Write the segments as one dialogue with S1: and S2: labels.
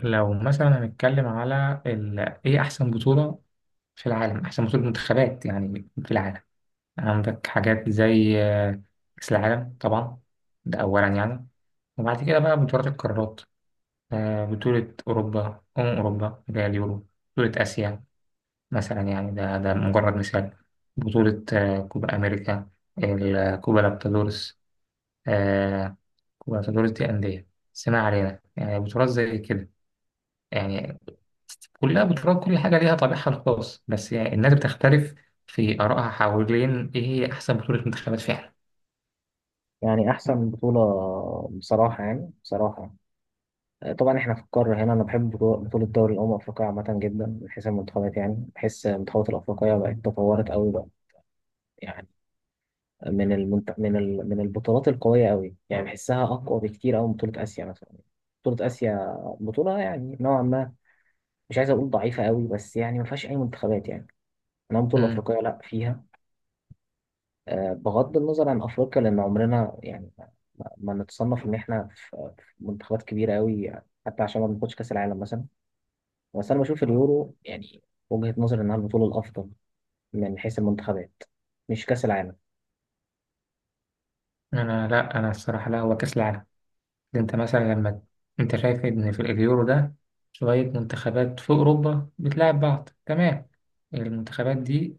S1: لو مثلا هنتكلم على ايه احسن بطولة في العالم، احسن بطولة منتخبات يعني في العالم. عندك حاجات زي كأس العالم طبعا، ده اولا يعني. وبعد كده بقى بطولات القارات، بطولة اوروبا اوروبا اللي هي اليورو، بطولة اسيا مثلا يعني. ده مجرد مثال، بطولة كوبا امريكا، كوبا لابتادورس، آه، كوبا لابتادورس دي اندية. بس ما علينا، يعني بطولات زي كده يعني كلها بتراعي كل حاجة، ليها طابعها الخاص. بس يعني الناس بتختلف في آرائها حوالين إيه هي أحسن بطولة منتخبات فعلا.
S2: يعني أحسن بطولة بصراحة يعني بصراحة، طبعا إحنا في القارة هنا. أنا بحب بطولة دوري الأمم الأفريقية عامة جدا من حيث المنتخبات. يعني بحس المنتخبات الأفريقية بقت تطورت أوي بقى. يعني من المنت... من ال... من البطولات القوية أوي، يعني بحسها أقوى بكتير أوي من بطولة آسيا مثلا. بطولة آسيا بطولة يعني نوعا ما، مش عايز أقول ضعيفة أوي، بس يعني ما فيهاش أي منتخبات يعني. إنما البطولة
S1: امم،
S2: الأفريقية لأ، فيها بغض النظر عن افريقيا، لان عمرنا يعني ما نتصنف ان احنا في منتخبات كبيره قوي، حتى عشان ما بناخدش كاس العالم مثلا. بس انا بشوف اليورو، يعني وجهه نظري انها البطوله الافضل من حيث المنتخبات، مش كاس العالم.
S1: أنا الصراحة لا، هو كأس العالم. أنت مثلا لما أنت شايف إن في اليورو ده شوية منتخبات في أوروبا بتلعب بعض، تمام. المنتخبات دي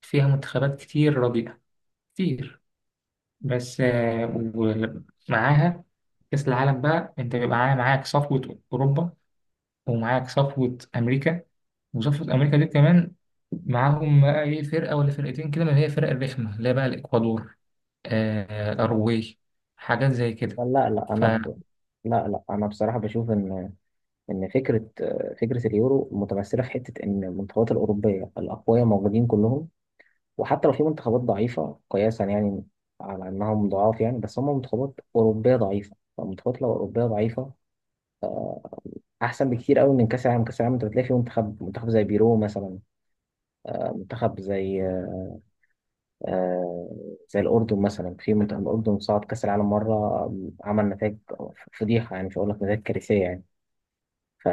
S1: فيها منتخبات كتير رديئة، كتير. بس ومعاها كأس العالم بقى، أنت بيبقى معاك صفوة أوروبا ومعاك صفوة أمريكا، وصفة أمريكا دي كمان معاهم بقى إيه، فرقة ولا فرقتين كده من اللي هي فرق الرخمة اللي هي بقى الإكوادور، آه الأروجواي، حاجات زي كده.
S2: لا لا
S1: ف
S2: انا ب... لا لا، انا بصراحه بشوف ان فكره اليورو متمثله في حته ان المنتخبات الاوروبيه الاقوياء موجودين كلهم. وحتى لو في منتخبات ضعيفة قياسا يعني، على إنهم ضعاف يعني، بس هم منتخبات أوروبية ضعيفة، فالمنتخبات لو أوروبية ضعيفة أحسن بكتير أوي من كأس العالم. كأس العالم أنت بتلاقي في منتخب منتخب زي بيرو مثلا، منتخب زي آه زي الأردن مثلا. في منتخب الأردن صعد كأس العالم مرة، عمل نتائج فضيحة، يعني مش هقول لك نتائج كارثية يعني. ف-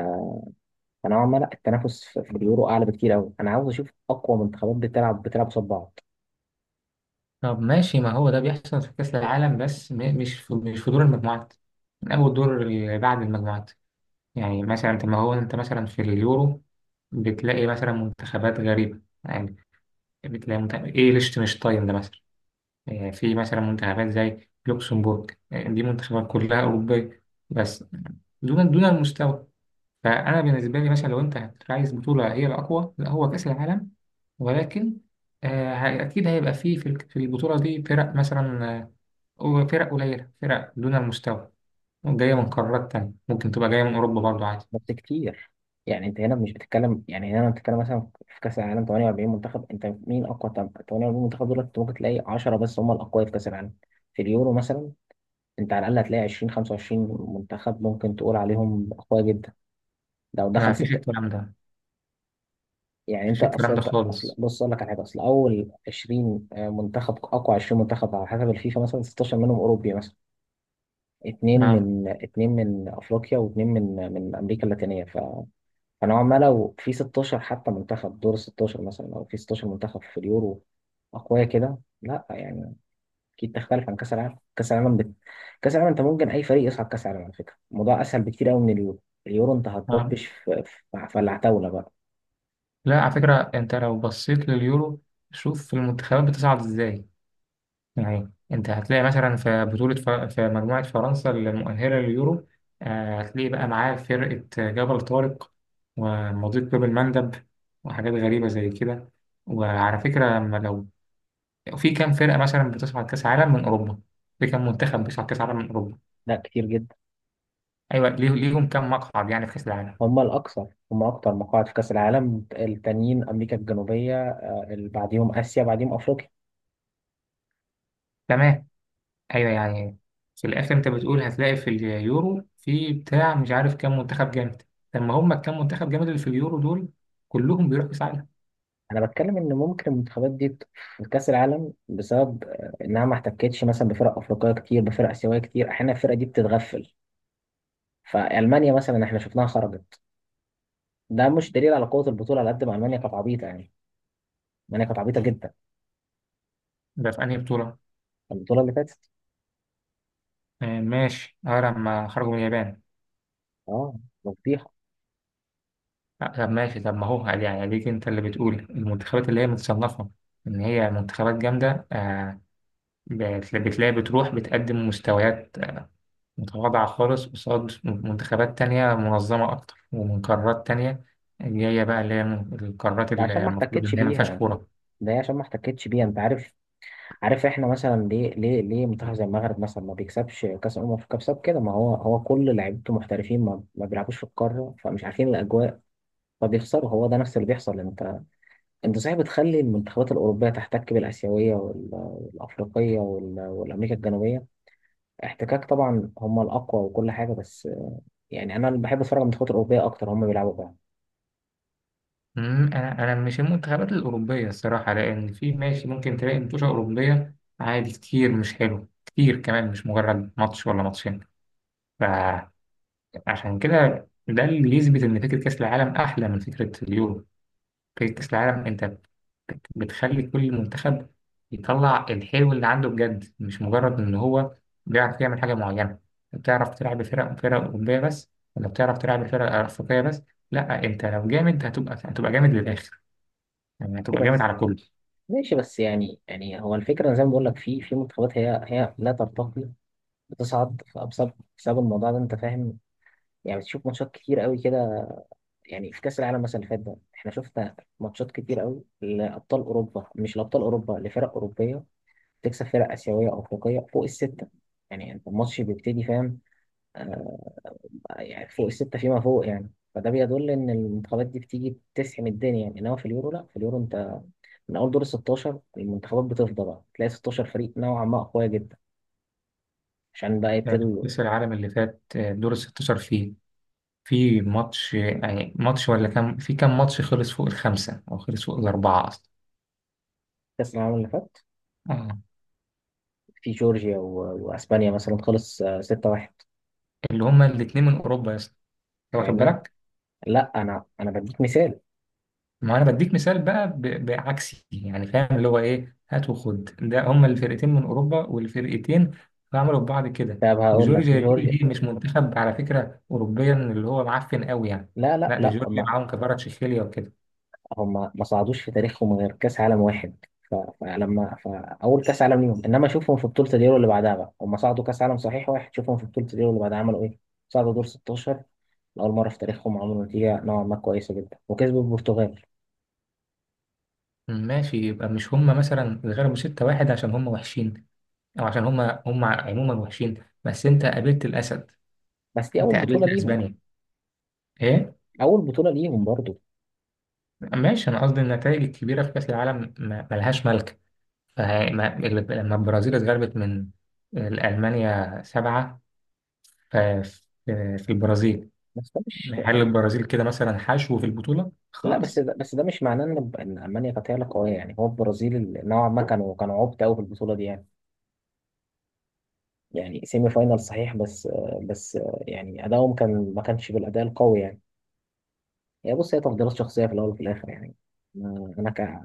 S2: فنوعا ما لا، التنافس في اليورو أعلى بكتير أوي. أنا عاوز أشوف أقوى منتخبات بتلعب قصاد بعض.
S1: طب ماشي، ما هو ده بيحصل في كأس العالم، بس مش في دور المجموعات، من أول دور اللي بعد المجموعات. يعني مثلا طب ما هو أنت مثلا في اليورو بتلاقي مثلا منتخبات غريبة يعني، بتلاقي منتخب إيه ليشتنشتاين ده مثلا، في مثلا منتخبات زي لوكسمبورج، دي منتخبات كلها أوروبية بس دون المستوى. فأنا بالنسبة لي مثلا لو أنت عايز بطولة هي الأقوى، لا هو كأس العالم. ولكن أكيد هيبقى فيه في في البطولة دي فرق مثلا، أو فرق قليلة، فرق دون المستوى جاية من قارات تانية، ممكن تبقى جاية من أوروبا برضو عادي.
S2: بس كتير، يعني انت هنا مش بتتكلم، يعني هنا بتتكلم مثلا، في كاس العالم 48 منتخب، انت مين اقوى 48 منتخب دول؟ انت ممكن تلاقي 10 بس هم الاقوياء في كاس العالم. في اليورو مثلا انت على الاقل هتلاقي 20 25 منتخب ممكن تقول عليهم اقوياء جدا لو
S1: ما
S2: دخل
S1: فيش
S2: ستة.
S1: الكلام ده ما
S2: يعني انت
S1: فيش الكلام
S2: اصلا
S1: ده
S2: انت اصلا
S1: خالص.
S2: بص اقول لك على حاجه. اصل اول 20 منتخب، اقوى 20 منتخب على حسب الفيفا مثلا، 16 منهم اوروبي مثلا،
S1: آه.
S2: اثنين من افريقيا، واثنين من امريكا اللاتينيه. فنوعا ما لو في 16 حتى منتخب، دور 16 مثلا، او في 16 منتخب في اليورو اقوياء كده، لا يعني اكيد تختلف عن كاس العالم. كاس العالم انت ممكن اي فريق يصعد كاس العالم، على فكره الموضوع اسهل بكتير قوي من اليورو. اليورو انت
S1: آه.
S2: هتضبش في العتاوله بقى.
S1: لا على فكرة، أنت لو بصيت لليورو شوف المنتخبات بتصعد إزاي. يعني انت هتلاقي مثلا في بطولة في مجموعة فرنسا المؤهلة لليورو، هتلاقي بقى معاه فرقة جبل طارق ومضيق باب المندب وحاجات غريبة زي كده. وعلى فكرة، لما لو في كام فرقة مثلا بتصعد كأس عالم من أوروبا، في كام منتخب بيصعد كأس عالم من أوروبا؟
S2: لا كتير جدا،
S1: أيوة، ليهم كام مقعد يعني في كأس العالم؟
S2: هم الاكثر، هم اكتر مقاعد في كاس العالم. التانيين امريكا الجنوبيه، اللي بعديهم اسيا، بعديهم افريقيا.
S1: تمام. أيوة يعني في الآخر أنت بتقول هتلاقي في اليورو في بتاع مش عارف كام منتخب جامد. طب ما هم الكام منتخب جامد اللي في اليورو دول كلهم بيروحوا كأس عالم.
S2: انا بتكلم ان ممكن المنتخبات دي في كاس العالم، بسبب آه، انها ما احتكتش مثلا بفرق افريقيه كتير، بفرق اسيويه كتير، احيانا الفرقه دي بتتغفل. فالمانيا مثلا احنا شفناها خرجت، ده مش دليل على قوه البطوله، على قد ما المانيا كانت عبيطه يعني. المانيا كانت عبيطه جدا،
S1: ده في أنهي بطولة؟
S2: البطوله اللي فاتت.
S1: آه ماشي، اه لما خرجوا من اليابان.
S2: اه، مفضيحه.
S1: آه طب ماشي، طب ما هو قال يعني عليك، انت اللي بتقول المنتخبات اللي هي متصنفة إن هي منتخبات جامدة، آه بتلاقي بتروح بتقدم مستويات متواضعة خالص قصاد منتخبات تانية منظمة أكتر ومن قارات تانية جاية بقى، اللي هي من القارات
S2: ده عشان
S1: اللي
S2: ما
S1: المفروض
S2: احتكتش
S1: إن هي ما فيهاش
S2: بيها
S1: كورة.
S2: ده هي عشان ما احتكتش بيها. انت عارف، عارف احنا مثلا ليه منتخب زي المغرب مثلا ما بيكسبش كاس الامم؟ في كاس كده ما هو، هو كل لعيبته محترفين، ما بيلعبوش في القاره، فمش عارفين الاجواء فبيخسروا. هو ده نفس اللي بيحصل. لأن انت صحيح بتخلي المنتخبات الاوروبيه تحتك بالاسيويه والافريقيه والامريكا الجنوبيه احتكاك، طبعا هم الاقوى وكل حاجه. بس يعني انا اللي بحب اتفرج على المنتخبات الاوروبيه اكتر، هم بيلعبوا بعض.
S1: أمم، أنا مش المنتخبات الأوروبية الصراحة، لأن في ماشي ممكن تلاقي متوشة أوروبية عادي كتير مش حلو، كتير كمان مش مجرد ماتش ولا ماتشين. فعشان كده ده اللي يثبت إن فكرة كأس العالم أحلى من فكرة اليورو. فكرة كأس العالم أنت بتخلي كل منتخب يطلع الحلو اللي عنده بجد، مش مجرد إن هو بيعرف يعمل حاجة معينة، بتعرف تلعب بفرق أوروبية بس، ولا بتعرف تلعب بفرق أفريقية بس. لا، أنت لو جامد هتبقى جامد للآخر، يعني
S2: إيه
S1: هتبقى جامد
S2: بس،
S1: على كله.
S2: ماشي بس يعني، يعني هو الفكره أنا زي ما بقول لك، في منتخبات هي لا ترتقي، بتصعد بسبب الموضوع ده، انت فاهم؟ يعني بتشوف ماتشات كتير قوي كده. يعني في كاس العالم مثلا اللي فات ده احنا شفنا ماتشات كتير قوي لابطال اوروبا مش لابطال اوروبا، لفرق اوروبيه تكسب فرق آسيوية أو أفريقية فوق الستة. يعني أنت الماتش بيبتدي، فاهم؟ آه. يعني فوق الستة فيما فوق، يعني فده بيدل إن المنتخبات دي بتيجي تسحم الدنيا يعني. إنما في اليورو لأ، في اليورو أنت من أول دور 16 المنتخبات بتفضى بقى، تلاقي 16 فريق نوعا ما أقوياء جدا، عشان بقى يبتدوا.
S1: كأس العالم اللي فات دور ال 16 فيه في ماتش، يعني ماتش ولا كام، في كام ماتش خلص فوق الخمسة أو خلص فوق الأربعة أصلا؟
S2: كأس العالم اللي فات،
S1: اه،
S2: في جورجيا وأسبانيا مثلا خلص 6-1.
S1: اللي هما الاتنين من اوروبا يا اسطى، أنت واخد
S2: فاهمني؟
S1: بالك؟
S2: لأ، أنا بديك مثال.
S1: ما انا بديك مثال بقى، بعكسي يعني. فاهم اللي هو ايه هات وخد، ده هما الفرقتين من اوروبا والفرقتين عملوا ببعض كده.
S2: طب هقول لك
S1: وجورجيا دي
S2: جورجيا.
S1: اللي هي مش منتخب على فكره اوروبيا اللي هو معفن قوي يعني، لا ده
S2: لا،
S1: جورجيا معاهم كفاراتشيخيليا وكده.
S2: هم ما صعدوش في تاريخهم غير كاس عالم واحد. ف- فلما فاول كاس عالم ليهم، انما شوفهم في بطوله اليورو اللي بعدها بقى، هم صعدوا كاس عالم صحيح واحد، شوفهم في بطوله اليورو اللي بعدها عملوا ايه؟ صعدوا دور 16 لاول مره في تاريخهم، عملوا نتيجه نوعا ما كويسه جدا، وكسبوا البرتغال.
S1: ماشي، يبقى مش هما مثلا اتغلبوا 6 واحد عشان هما وحشين او عشان هما هما عموما وحشين، بس انت قابلت الاسد،
S2: بس دي
S1: انت
S2: اول
S1: قابلت
S2: بطوله ليهم،
S1: اسبانيا. ايه
S2: اول بطوله ليهم برضو.
S1: ماشي، انا قصدي النتائج الكبيره في كاس العالم ملهاش ملك. فه- ما- لما البرازيل اتغلبت من المانيا سبعه ف- في في البرازيل،
S2: بس ده مش
S1: هل البرازيل كده مثلا حشو في البطوله
S2: بس
S1: خالص؟
S2: ده مش معناه ان المانيا كانت هي اللي قويه يعني. هو البرازيل اللي نوعا ما كانوا عبط قوي في البطوله دي يعني. يعني سيمي فاينال صحيح، بس يعني ادائهم كان ما كانش بالاداء القوي يعني. هي بص، هي تفضيلات شخصية في الأول وفي الآخر يعني. ما- أنا ك...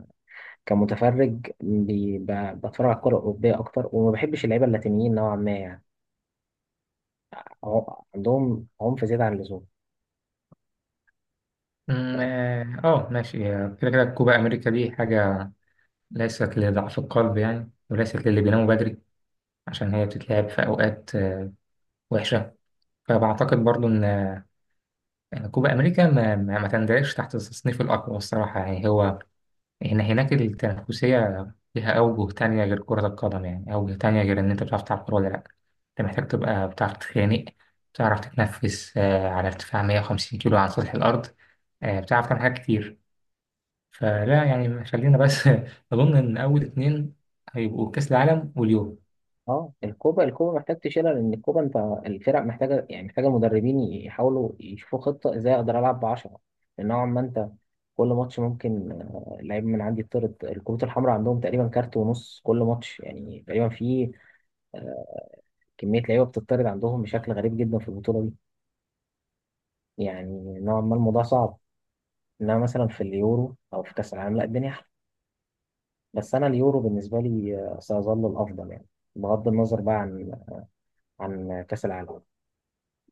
S2: كمتفرج بي... ب... بتفرج على الكرة الأوروبية أكتر، وما بحبش اللعيبة اللاتينيين نوعا ما يعني. عم- عندهم عنف زيادة عن اللزوم.
S1: أمم، اه ماشي. كده كده كوبا امريكا دي حاجه ليست لضعف القلب يعني، وليست للي بيناموا بدري، عشان هي بتتلعب في اوقات وحشه. فبعتقد برضو ان إن كوبا امريكا ما تندرجش تحت التصنيف الاقوى الصراحه يعني. هو هنا هناك التنافسية ليها أوجه تانية غير كرة القدم، يعني أوجه تانية غير إن أنت بتعرف تلعب كورة ولا لأ. أنت محتاج تبقى بتعرف تتخانق، بتعرف تتنفس على ارتفاع 150 كيلو عن سطح الأرض، بتعرف تعمل حاجات كتير. فلا يعني خلينا بس أظن إن أول اتنين هيبقوا كأس العالم واليورو.
S2: أه، الكوبا الكوبا محتاج تشيلها. لأن الكوبا أنت الفرق محتاجة، يعني محتاجة المدربين يحاولوا يشوفوا خطة إزاي أقدر ألعب بعشرة. لأن نوعا ما أنت كل ماتش ممكن لعيب من عندي يطرد. الكروت الحمراء عندهم تقريبا كارت ونص كل ماتش يعني تقريبا. في آه، كمية لعيبة بتطرد عندهم بشكل غريب جدا في البطولة دي. يعني نوعا ما الموضوع صعب، انما مثلا في اليورو او في كاس العالم لا الدنيا احلى. بس انا اليورو بالنسبه لي سيظل الافضل يعني، بغض النظر بقى عن كاس العالم.